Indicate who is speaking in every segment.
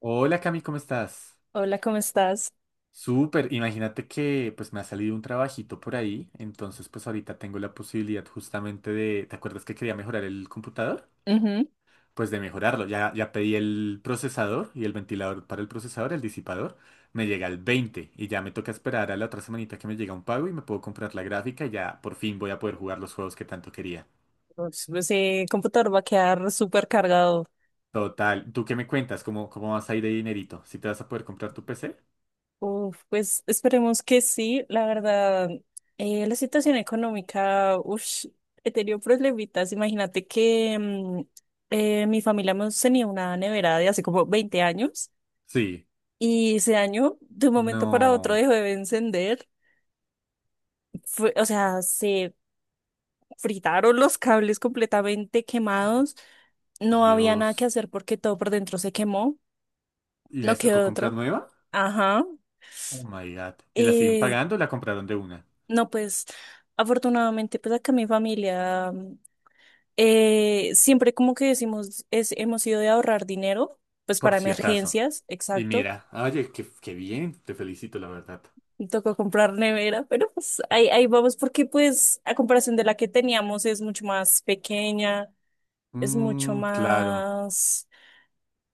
Speaker 1: Hola Cami, ¿cómo estás?
Speaker 2: Hola, ¿cómo estás?
Speaker 1: Súper, imagínate que pues me ha salido un trabajito por ahí, entonces pues ahorita tengo la posibilidad justamente de, ¿te acuerdas que quería mejorar el computador?
Speaker 2: Ujú.
Speaker 1: Pues de mejorarlo, ya pedí el procesador y el ventilador para el procesador, el disipador, me llega el 20 y ya me toca esperar a la otra semanita que me llega un pago y me puedo comprar la gráfica y ya por fin voy a poder jugar los juegos que tanto quería.
Speaker 2: Pues, computador va a quedar súper cargado.
Speaker 1: Total, ¿tú qué me cuentas? ¿Cómo vas a ir de dinerito? ¿Si te vas a poder comprar tu PC?
Speaker 2: Uf, pues esperemos que sí. La verdad, la situación económica, ush, he tenido problemitas. Imagínate que mi familia hemos tenido una nevera de hace como 20 años
Speaker 1: Sí.
Speaker 2: y se dañó de un momento para otro,
Speaker 1: No,
Speaker 2: dejó de encender. O sea, se fritaron los cables completamente quemados. No había nada que
Speaker 1: Dios.
Speaker 2: hacer porque todo por dentro se quemó.
Speaker 1: ¿Y
Speaker 2: No
Speaker 1: les tocó
Speaker 2: quedó
Speaker 1: comprar
Speaker 2: otra.
Speaker 1: nueva?
Speaker 2: Ajá.
Speaker 1: Oh my God. ¿Y la siguen
Speaker 2: Eh,
Speaker 1: pagando o la compraron de una?
Speaker 2: no, pues afortunadamente, pues acá mi familia siempre como que decimos, es, hemos ido de ahorrar dinero, pues
Speaker 1: Por
Speaker 2: para
Speaker 1: si acaso.
Speaker 2: emergencias,
Speaker 1: Y
Speaker 2: exacto.
Speaker 1: mira, oye, qué bien, te felicito, la verdad.
Speaker 2: Me tocó comprar nevera, pero pues ahí, ahí vamos porque pues a comparación de la que teníamos es mucho más pequeña, es mucho
Speaker 1: Mmm, claro.
Speaker 2: más,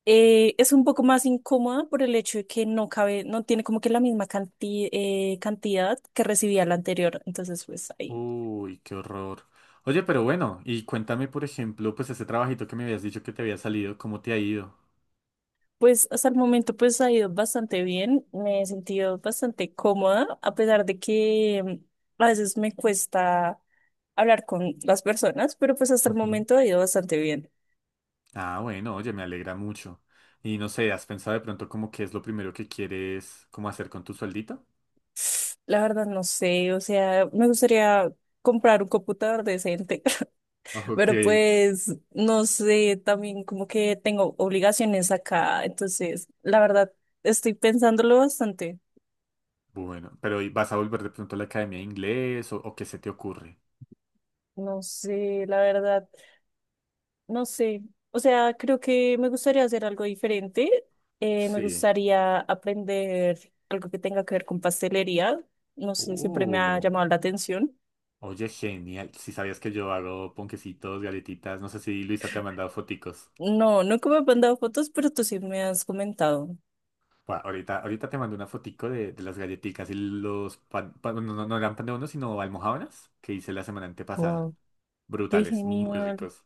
Speaker 2: es un poco más incómoda por el hecho de que no cabe, no tiene como que la misma cantidad que recibía la anterior. Entonces, pues ahí.
Speaker 1: Uy, qué horror. Oye, pero bueno, y cuéntame, por ejemplo, pues ese trabajito que me habías dicho que te había salido, ¿cómo te ha ido?
Speaker 2: Pues hasta el momento pues ha ido bastante bien, me he sentido bastante cómoda, a pesar de que a veces me cuesta hablar con las personas, pero pues hasta el
Speaker 1: Ujú.
Speaker 2: momento ha ido bastante bien.
Speaker 1: Ah, bueno, oye, me alegra mucho. Y no sé, ¿has pensado de pronto como qué es lo primero que quieres como hacer con tu sueldito?
Speaker 2: La verdad no sé, o sea, me gustaría comprar un computador decente,
Speaker 1: Ok,
Speaker 2: pero pues no sé, también como que tengo obligaciones acá, entonces la verdad estoy pensándolo bastante.
Speaker 1: bueno, pero ¿y vas a volver de pronto a la academia de inglés o qué se te ocurre?
Speaker 2: No sé, la verdad. No sé, o sea, creo que me gustaría hacer algo diferente. Me
Speaker 1: Sí.
Speaker 2: gustaría aprender algo que tenga que ver con pastelería. No sé, siempre me ha
Speaker 1: Uh,
Speaker 2: llamado la atención.
Speaker 1: oye, genial. Si sabías que yo hago ponquecitos, galletitas, no sé si Luisa te ha mandado foticos.
Speaker 2: No, nunca me han mandado fotos, pero tú sí me has comentado.
Speaker 1: Buah, ahorita te mando una fotico de las galletitas y los pan, no, no, no eran pan de uno, sino almojábanas que hice la semana antepasada.
Speaker 2: Wow, qué
Speaker 1: Brutales, muy
Speaker 2: genial.
Speaker 1: ricos.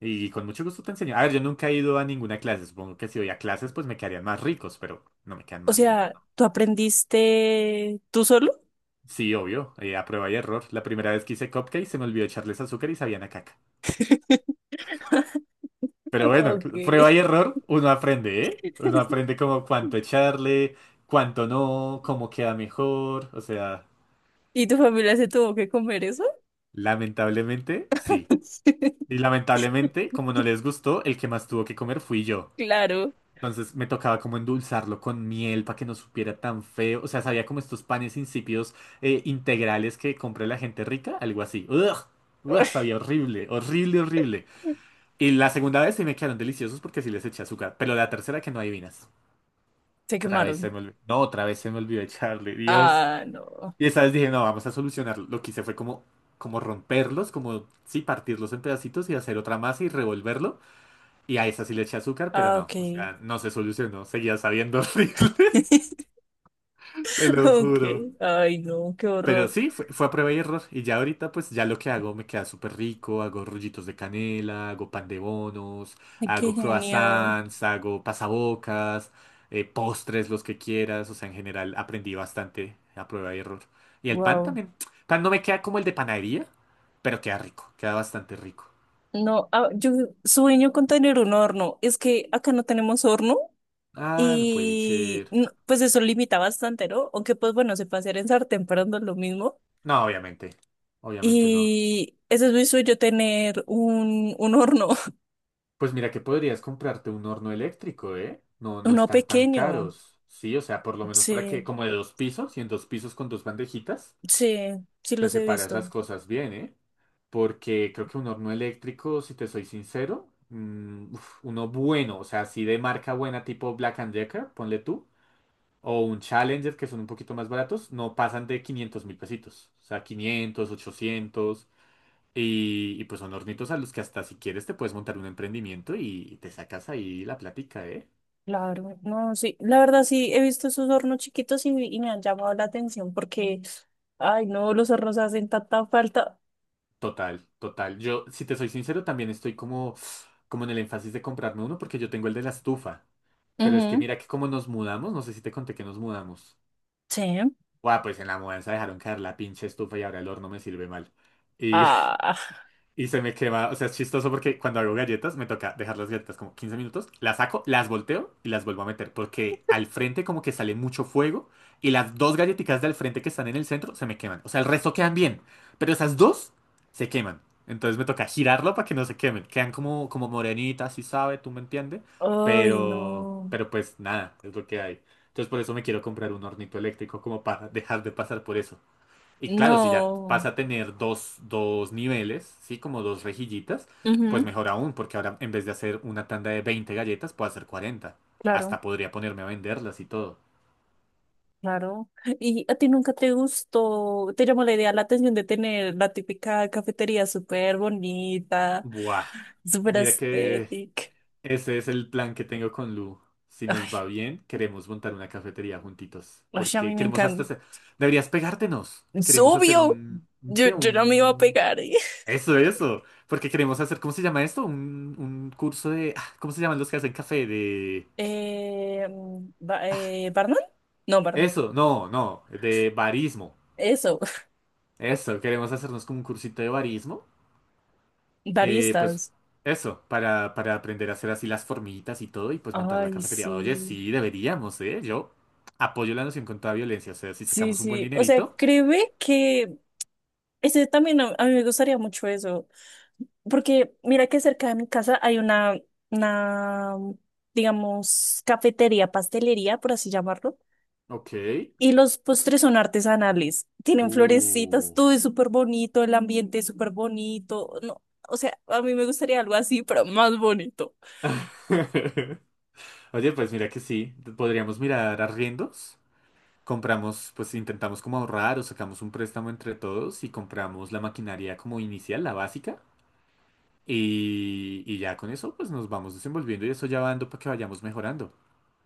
Speaker 1: Y con mucho gusto te enseño. A ver, yo nunca he ido a ninguna clase. Supongo que si voy a clases, pues me quedarían más ricos, pero no me quedan
Speaker 2: O
Speaker 1: mal, ¿eh?
Speaker 2: sea, ¿tú aprendiste tú solo?
Speaker 1: Sí, obvio. A prueba y error. La primera vez que hice cupcakes se me olvidó echarles azúcar y sabían a caca. Pero bueno,
Speaker 2: Ok.
Speaker 1: prueba y error, uno aprende, ¿eh? Uno aprende como cuánto echarle, cuánto no, cómo queda mejor. O sea,
Speaker 2: ¿Y tu familia se tuvo que comer eso?
Speaker 1: lamentablemente, sí. Y lamentablemente, como no les gustó, el que más tuvo que comer fui yo.
Speaker 2: Claro.
Speaker 1: Entonces me tocaba como endulzarlo con miel para que no supiera tan feo. O sea, sabía como estos panes insípidos integrales que compra la gente rica, algo así. ¡Ugh! ¡Ugh! Sabía horrible, horrible, horrible. Y la segunda vez sí me quedaron deliciosos porque sí les eché azúcar. Pero la tercera que no adivinas.
Speaker 2: Se
Speaker 1: Otra vez se me
Speaker 2: quemaron.
Speaker 1: olvidó. No, otra vez se me olvidó echarle, Dios.
Speaker 2: Ah, no.
Speaker 1: Y esa vez dije, no, vamos a solucionarlo. Lo que hice fue como romperlos, sí, partirlos en pedacitos y hacer otra masa y revolverlo. Y a esa sí le eché azúcar, pero
Speaker 2: Ah,
Speaker 1: no,
Speaker 2: ok.
Speaker 1: o sea, no se solucionó. Seguía sabiendo horrible, te lo
Speaker 2: Ok,
Speaker 1: juro.
Speaker 2: ay no, qué
Speaker 1: Pero
Speaker 2: horror.
Speaker 1: sí, fue a prueba y error. Y ya ahorita, pues ya lo que hago me queda súper rico. Hago rollitos de canela, hago pan de bonos,
Speaker 2: Ay, qué
Speaker 1: hago
Speaker 2: genial.
Speaker 1: croissants, hago pasabocas, postres, los que quieras. O sea, en general aprendí bastante a prueba y error. Y el pan
Speaker 2: Wow.
Speaker 1: también. Pan no me queda como el de panadería, pero queda rico, queda bastante rico.
Speaker 2: No, ah, yo sueño con tener un horno. Es que acá no tenemos horno
Speaker 1: Ah, no puede
Speaker 2: y
Speaker 1: ser.
Speaker 2: no, pues eso limita bastante, ¿no? Aunque pues bueno, se puede hacer en sartén, pero no es lo mismo.
Speaker 1: No, obviamente. Obviamente no.
Speaker 2: Y ese es mi sueño, tener un horno,
Speaker 1: Pues mira que podrías comprarte un horno eléctrico, ¿eh? No, no
Speaker 2: uno
Speaker 1: están tan
Speaker 2: pequeño.
Speaker 1: caros. Sí, o sea, por lo menos para
Speaker 2: Sí,
Speaker 1: que, como de dos pisos, y en dos pisos con dos bandejitas,
Speaker 2: sí, sí
Speaker 1: te
Speaker 2: los he
Speaker 1: separas
Speaker 2: visto.
Speaker 1: las cosas bien, ¿eh? Porque creo que un horno eléctrico, si te soy sincero, uf, uno bueno, o sea, así de marca buena tipo Black and Decker, ponle tú, o un Challenger, que son un poquito más baratos, no pasan de 500.000 pesitos. O sea, 500, 800. Y pues son hornitos a los que hasta si quieres te puedes montar un emprendimiento y te sacas ahí la plática, ¿eh?
Speaker 2: Claro, no, sí, la verdad sí, he visto esos hornos chiquitos y me han llamado la atención porque, ay, no, los hornos hacen tanta falta.
Speaker 1: Total, total. Yo, si te soy sincero, también estoy como, como en el énfasis de comprarme uno porque yo tengo el de la estufa. Pero es que
Speaker 2: Ujú.
Speaker 1: mira que como nos mudamos, no sé si te conté que nos mudamos.
Speaker 2: Sí.
Speaker 1: Guau, pues en la mudanza dejaron caer la pinche estufa y ahora el horno me sirve mal. y
Speaker 2: Ah,
Speaker 1: Y se me quema, o sea, es chistoso porque cuando hago galletas me toca dejar las galletas como 15 minutos, las saco, las volteo y las vuelvo a meter porque al frente como que sale mucho fuego y las dos galletitas del frente que están en el centro se me queman. O sea, el resto quedan bien, pero esas dos se queman. Entonces me toca girarlo para que no se quemen. Quedan como, como morenitas, si sabe, tú me entiendes,
Speaker 2: ay, no,
Speaker 1: pero pues nada, es lo que hay. Entonces por eso me quiero comprar un hornito eléctrico como para dejar de pasar por eso. Y claro, si ya
Speaker 2: no,
Speaker 1: pasa a tener dos niveles, ¿sí? Como dos rejillitas, pues
Speaker 2: Ujú,
Speaker 1: mejor aún, porque ahora en vez de hacer una tanda de 20 galletas, puedo hacer 40.
Speaker 2: claro,
Speaker 1: Hasta podría ponerme a venderlas y todo.
Speaker 2: claro. ¿Y a ti nunca te gustó, te llamó la idea, la atención de tener la típica cafetería súper bonita,
Speaker 1: Buah.
Speaker 2: súper
Speaker 1: Mira que
Speaker 2: estética?
Speaker 1: ese es el plan que tengo con Lu. Si nos va
Speaker 2: Ay,
Speaker 1: bien, queremos montar una cafetería juntitos.
Speaker 2: ay, a mí
Speaker 1: Porque
Speaker 2: me
Speaker 1: queremos hasta
Speaker 2: encanta.
Speaker 1: hacer... Deberías pegártenos.
Speaker 2: Es
Speaker 1: Queremos hacer
Speaker 2: obvio,
Speaker 1: un
Speaker 2: yo,
Speaker 1: ¿Qué?
Speaker 2: yo no me iba a
Speaker 1: Un...
Speaker 2: pegar.
Speaker 1: Eso, eso. Porque queremos hacer... ¿Cómo se llama esto? Un curso de... ah, ¿cómo se llaman los que hacen café? De...
Speaker 2: ¿Barman? No, bar-
Speaker 1: Eso, no, no, de barismo.
Speaker 2: Eso,
Speaker 1: Eso, queremos hacernos como un cursito de barismo. Pues
Speaker 2: baristas.
Speaker 1: eso, para aprender a hacer así las formitas y todo y pues montar la
Speaker 2: Ay,
Speaker 1: cafetería. Oye,
Speaker 2: sí,
Speaker 1: sí, deberíamos, ¿eh? Yo apoyo la noción contra la violencia, o sea, si
Speaker 2: sí,
Speaker 1: sacamos un buen
Speaker 2: sí. O sea,
Speaker 1: dinerito.
Speaker 2: créeme que ese también a mí me gustaría mucho eso, porque mira que cerca de mi casa hay una, digamos, cafetería, pastelería, por así llamarlo.
Speaker 1: Ok.
Speaker 2: Y los postres son artesanales, tienen florecitas,
Speaker 1: Uh.
Speaker 2: todo es súper bonito, el ambiente es súper bonito. No, o sea, a mí me gustaría algo así, pero más bonito.
Speaker 1: Oye, pues mira que sí, podríamos mirar arriendos. Compramos, pues intentamos como ahorrar o sacamos un préstamo entre todos y compramos la maquinaria como inicial, la básica. Y ya con eso, pues nos vamos desenvolviendo y eso ya va dando para que vayamos mejorando.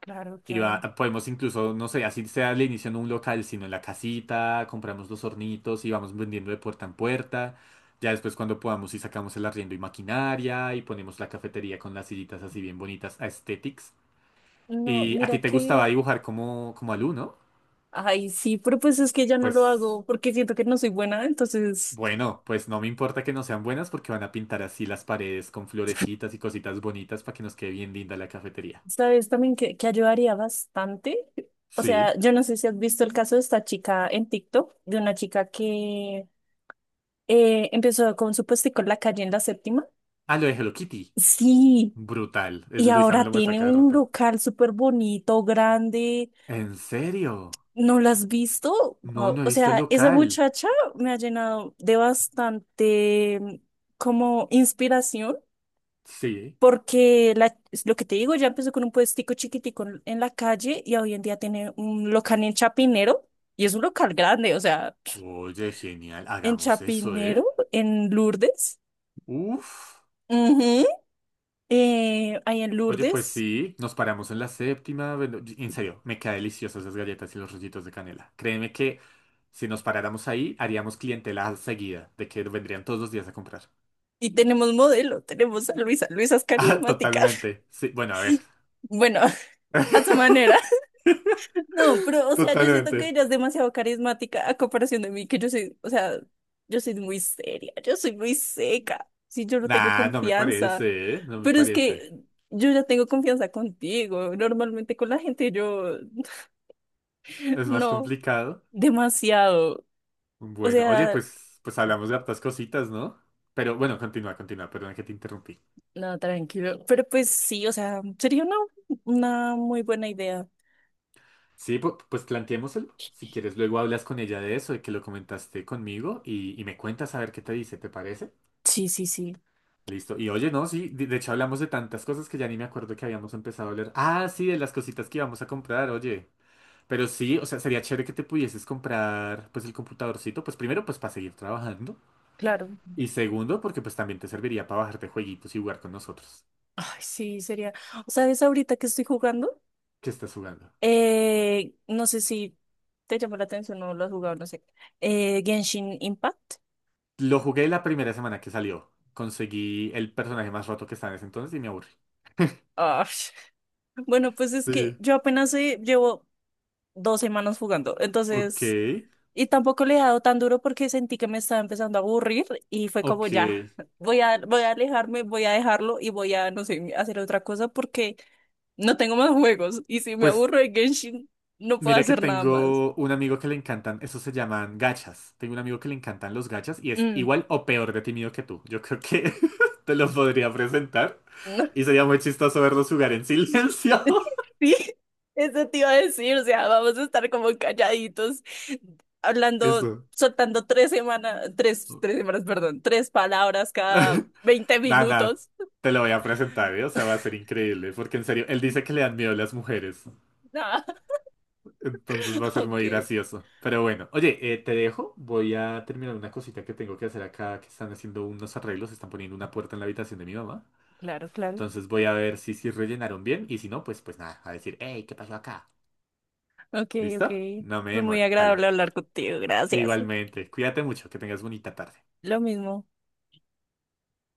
Speaker 2: Claro, claro.
Speaker 1: Podemos incluso, no sé, así sea al inicio en un local, sino en la casita, compramos los hornitos y vamos vendiendo de puerta en puerta. Ya después cuando podamos y sacamos el arriendo y maquinaria y ponemos la cafetería con las sillitas así bien bonitas, aesthetics.
Speaker 2: No,
Speaker 1: Y a
Speaker 2: mira
Speaker 1: ti te gustaba
Speaker 2: que,
Speaker 1: dibujar como, como Alu, ¿no?
Speaker 2: ay, sí, pero pues es que ya no lo
Speaker 1: Pues
Speaker 2: hago porque siento que no soy buena, entonces
Speaker 1: bueno, pues no me importa que no sean buenas porque van a pintar así las paredes con florecitas y cositas bonitas para que nos quede bien linda la cafetería.
Speaker 2: ¿sabes también que ayudaría bastante? O sea,
Speaker 1: Sí.
Speaker 2: yo no sé si has visto el caso de esta chica en TikTok, de una chica que empezó con su puestico en la calle en la séptima.
Speaker 1: Ah, lo de Hello Kitty.
Speaker 2: Sí,
Speaker 1: Brutal.
Speaker 2: y
Speaker 1: Luisa me
Speaker 2: ahora
Speaker 1: lo muestra
Speaker 2: tiene
Speaker 1: cada
Speaker 2: un
Speaker 1: rato.
Speaker 2: local súper bonito, grande.
Speaker 1: ¿En serio?
Speaker 2: ¿No la has visto?
Speaker 1: No,
Speaker 2: Wow.
Speaker 1: no he
Speaker 2: O
Speaker 1: visto el
Speaker 2: sea, esa
Speaker 1: local.
Speaker 2: muchacha me ha llenado de bastante como inspiración.
Speaker 1: Sí.
Speaker 2: Porque la- es lo que te digo, ya empezó con un puestico chiquitico en la calle y hoy en día tiene un local en Chapinero y es un local grande, o sea,
Speaker 1: Oye, genial.
Speaker 2: en
Speaker 1: Hagamos eso,
Speaker 2: Chapinero,
Speaker 1: ¿eh?
Speaker 2: en Lourdes,
Speaker 1: Uf.
Speaker 2: ujú, ahí en
Speaker 1: Oye, pues
Speaker 2: Lourdes
Speaker 1: sí. Nos paramos en la séptima. Bueno, en serio, me quedan deliciosas esas galletas y los rollitos de canela. Créeme que si nos paráramos ahí, haríamos clientela seguida, de que vendrían todos los días a comprar.
Speaker 2: y tenemos modelo, tenemos a Luisa, Luisa es
Speaker 1: Ah,
Speaker 2: carismática,
Speaker 1: totalmente. Sí, bueno, a ver.
Speaker 2: bueno, a su manera. No, pero, o sea, yo siento que
Speaker 1: Totalmente.
Speaker 2: ella es demasiado carismática a comparación de mí, que yo soy, o sea, yo soy muy seria, yo soy muy seca, sí, yo no tengo
Speaker 1: Nah, no me
Speaker 2: confianza,
Speaker 1: parece, ¿eh? No me
Speaker 2: pero es
Speaker 1: parece.
Speaker 2: que yo ya tengo confianza contigo, normalmente con la gente yo,
Speaker 1: Es más
Speaker 2: no,
Speaker 1: complicado.
Speaker 2: demasiado, o
Speaker 1: Bueno, oye,
Speaker 2: sea,
Speaker 1: pues hablamos de hartas cositas, ¿no? Pero bueno, continúa, continúa, perdón que te interrumpí.
Speaker 2: no, tranquilo, pero pues sí, o sea, sería una muy buena idea,
Speaker 1: Sí, pues, planteémoselo. Si quieres, luego hablas con ella de eso, de que lo comentaste conmigo y me cuentas a ver qué te dice, ¿te parece?
Speaker 2: sí, sí, sí,
Speaker 1: Listo. Y oye, no, sí, de hecho hablamos de tantas cosas que ya ni me acuerdo que habíamos empezado a hablar. Ah, sí, de las cositas que íbamos a comprar, oye. Pero sí, o sea, sería chévere que te pudieses comprar, pues, el computadorcito, pues primero, pues, para seguir trabajando.
Speaker 2: claro,
Speaker 1: Y segundo, porque pues también te serviría para bajarte jueguitos y jugar con nosotros.
Speaker 2: ay, sí, sería, o sea, ahorita que estoy jugando.
Speaker 1: ¿Qué estás jugando?
Speaker 2: No sé si te llamó la atención o lo has jugado, no sé. Genshin Impact.
Speaker 1: Lo jugué la primera semana que salió. Conseguí el personaje más roto que estaba en ese entonces y me aburrí.
Speaker 2: Ah, bueno, pues es que
Speaker 1: Sí.
Speaker 2: yo apenas llevo 2 semanas jugando,
Speaker 1: Ok,
Speaker 2: entonces, y tampoco le he dado tan duro porque sentí que me estaba empezando a aburrir y fue como
Speaker 1: ok.
Speaker 2: ya, voy a alejarme, voy a dejarlo y voy a, no sé, hacer otra cosa porque no tengo más juegos y si me
Speaker 1: Pues
Speaker 2: aburro de Genshin, no puedo
Speaker 1: mira que
Speaker 2: hacer nada más.
Speaker 1: tengo un amigo que le encantan, esos se llaman gachas. Tengo un amigo que le encantan los gachas y es
Speaker 2: Mm.
Speaker 1: igual o peor de tímido que tú. Yo creo que te los podría presentar y sería muy chistoso verlos jugar en silencio.
Speaker 2: Sí, eso te iba a decir, o sea, vamos a estar como calladitos, hablando,
Speaker 1: Eso.
Speaker 2: soltando 3 semanas, tres semanas, perdón, tres palabras cada 20
Speaker 1: Nada, nada,
Speaker 2: minutos.
Speaker 1: te lo voy a presentar, ¿eh? O sea, va a ser increíble, porque en serio, él dice que le dan miedo las mujeres.
Speaker 2: Ah,
Speaker 1: Entonces va a ser
Speaker 2: ok,
Speaker 1: muy gracioso. Pero bueno, oye, te dejo. Voy a terminar una cosita que tengo que hacer acá, que están haciendo unos arreglos, están poniendo una puerta en la habitación de mi mamá.
Speaker 2: claro, claro.
Speaker 1: Entonces voy a ver si rellenaron bien y si no, pues, pues nada, a decir, hey, ¿qué pasó acá?
Speaker 2: Ok, ok.
Speaker 1: ¿Listo? No me
Speaker 2: Fue muy
Speaker 1: demoro, dale.
Speaker 2: agradable hablar contigo, gracias.
Speaker 1: Igualmente, cuídate mucho, que tengas bonita tarde.
Speaker 2: Lo mismo.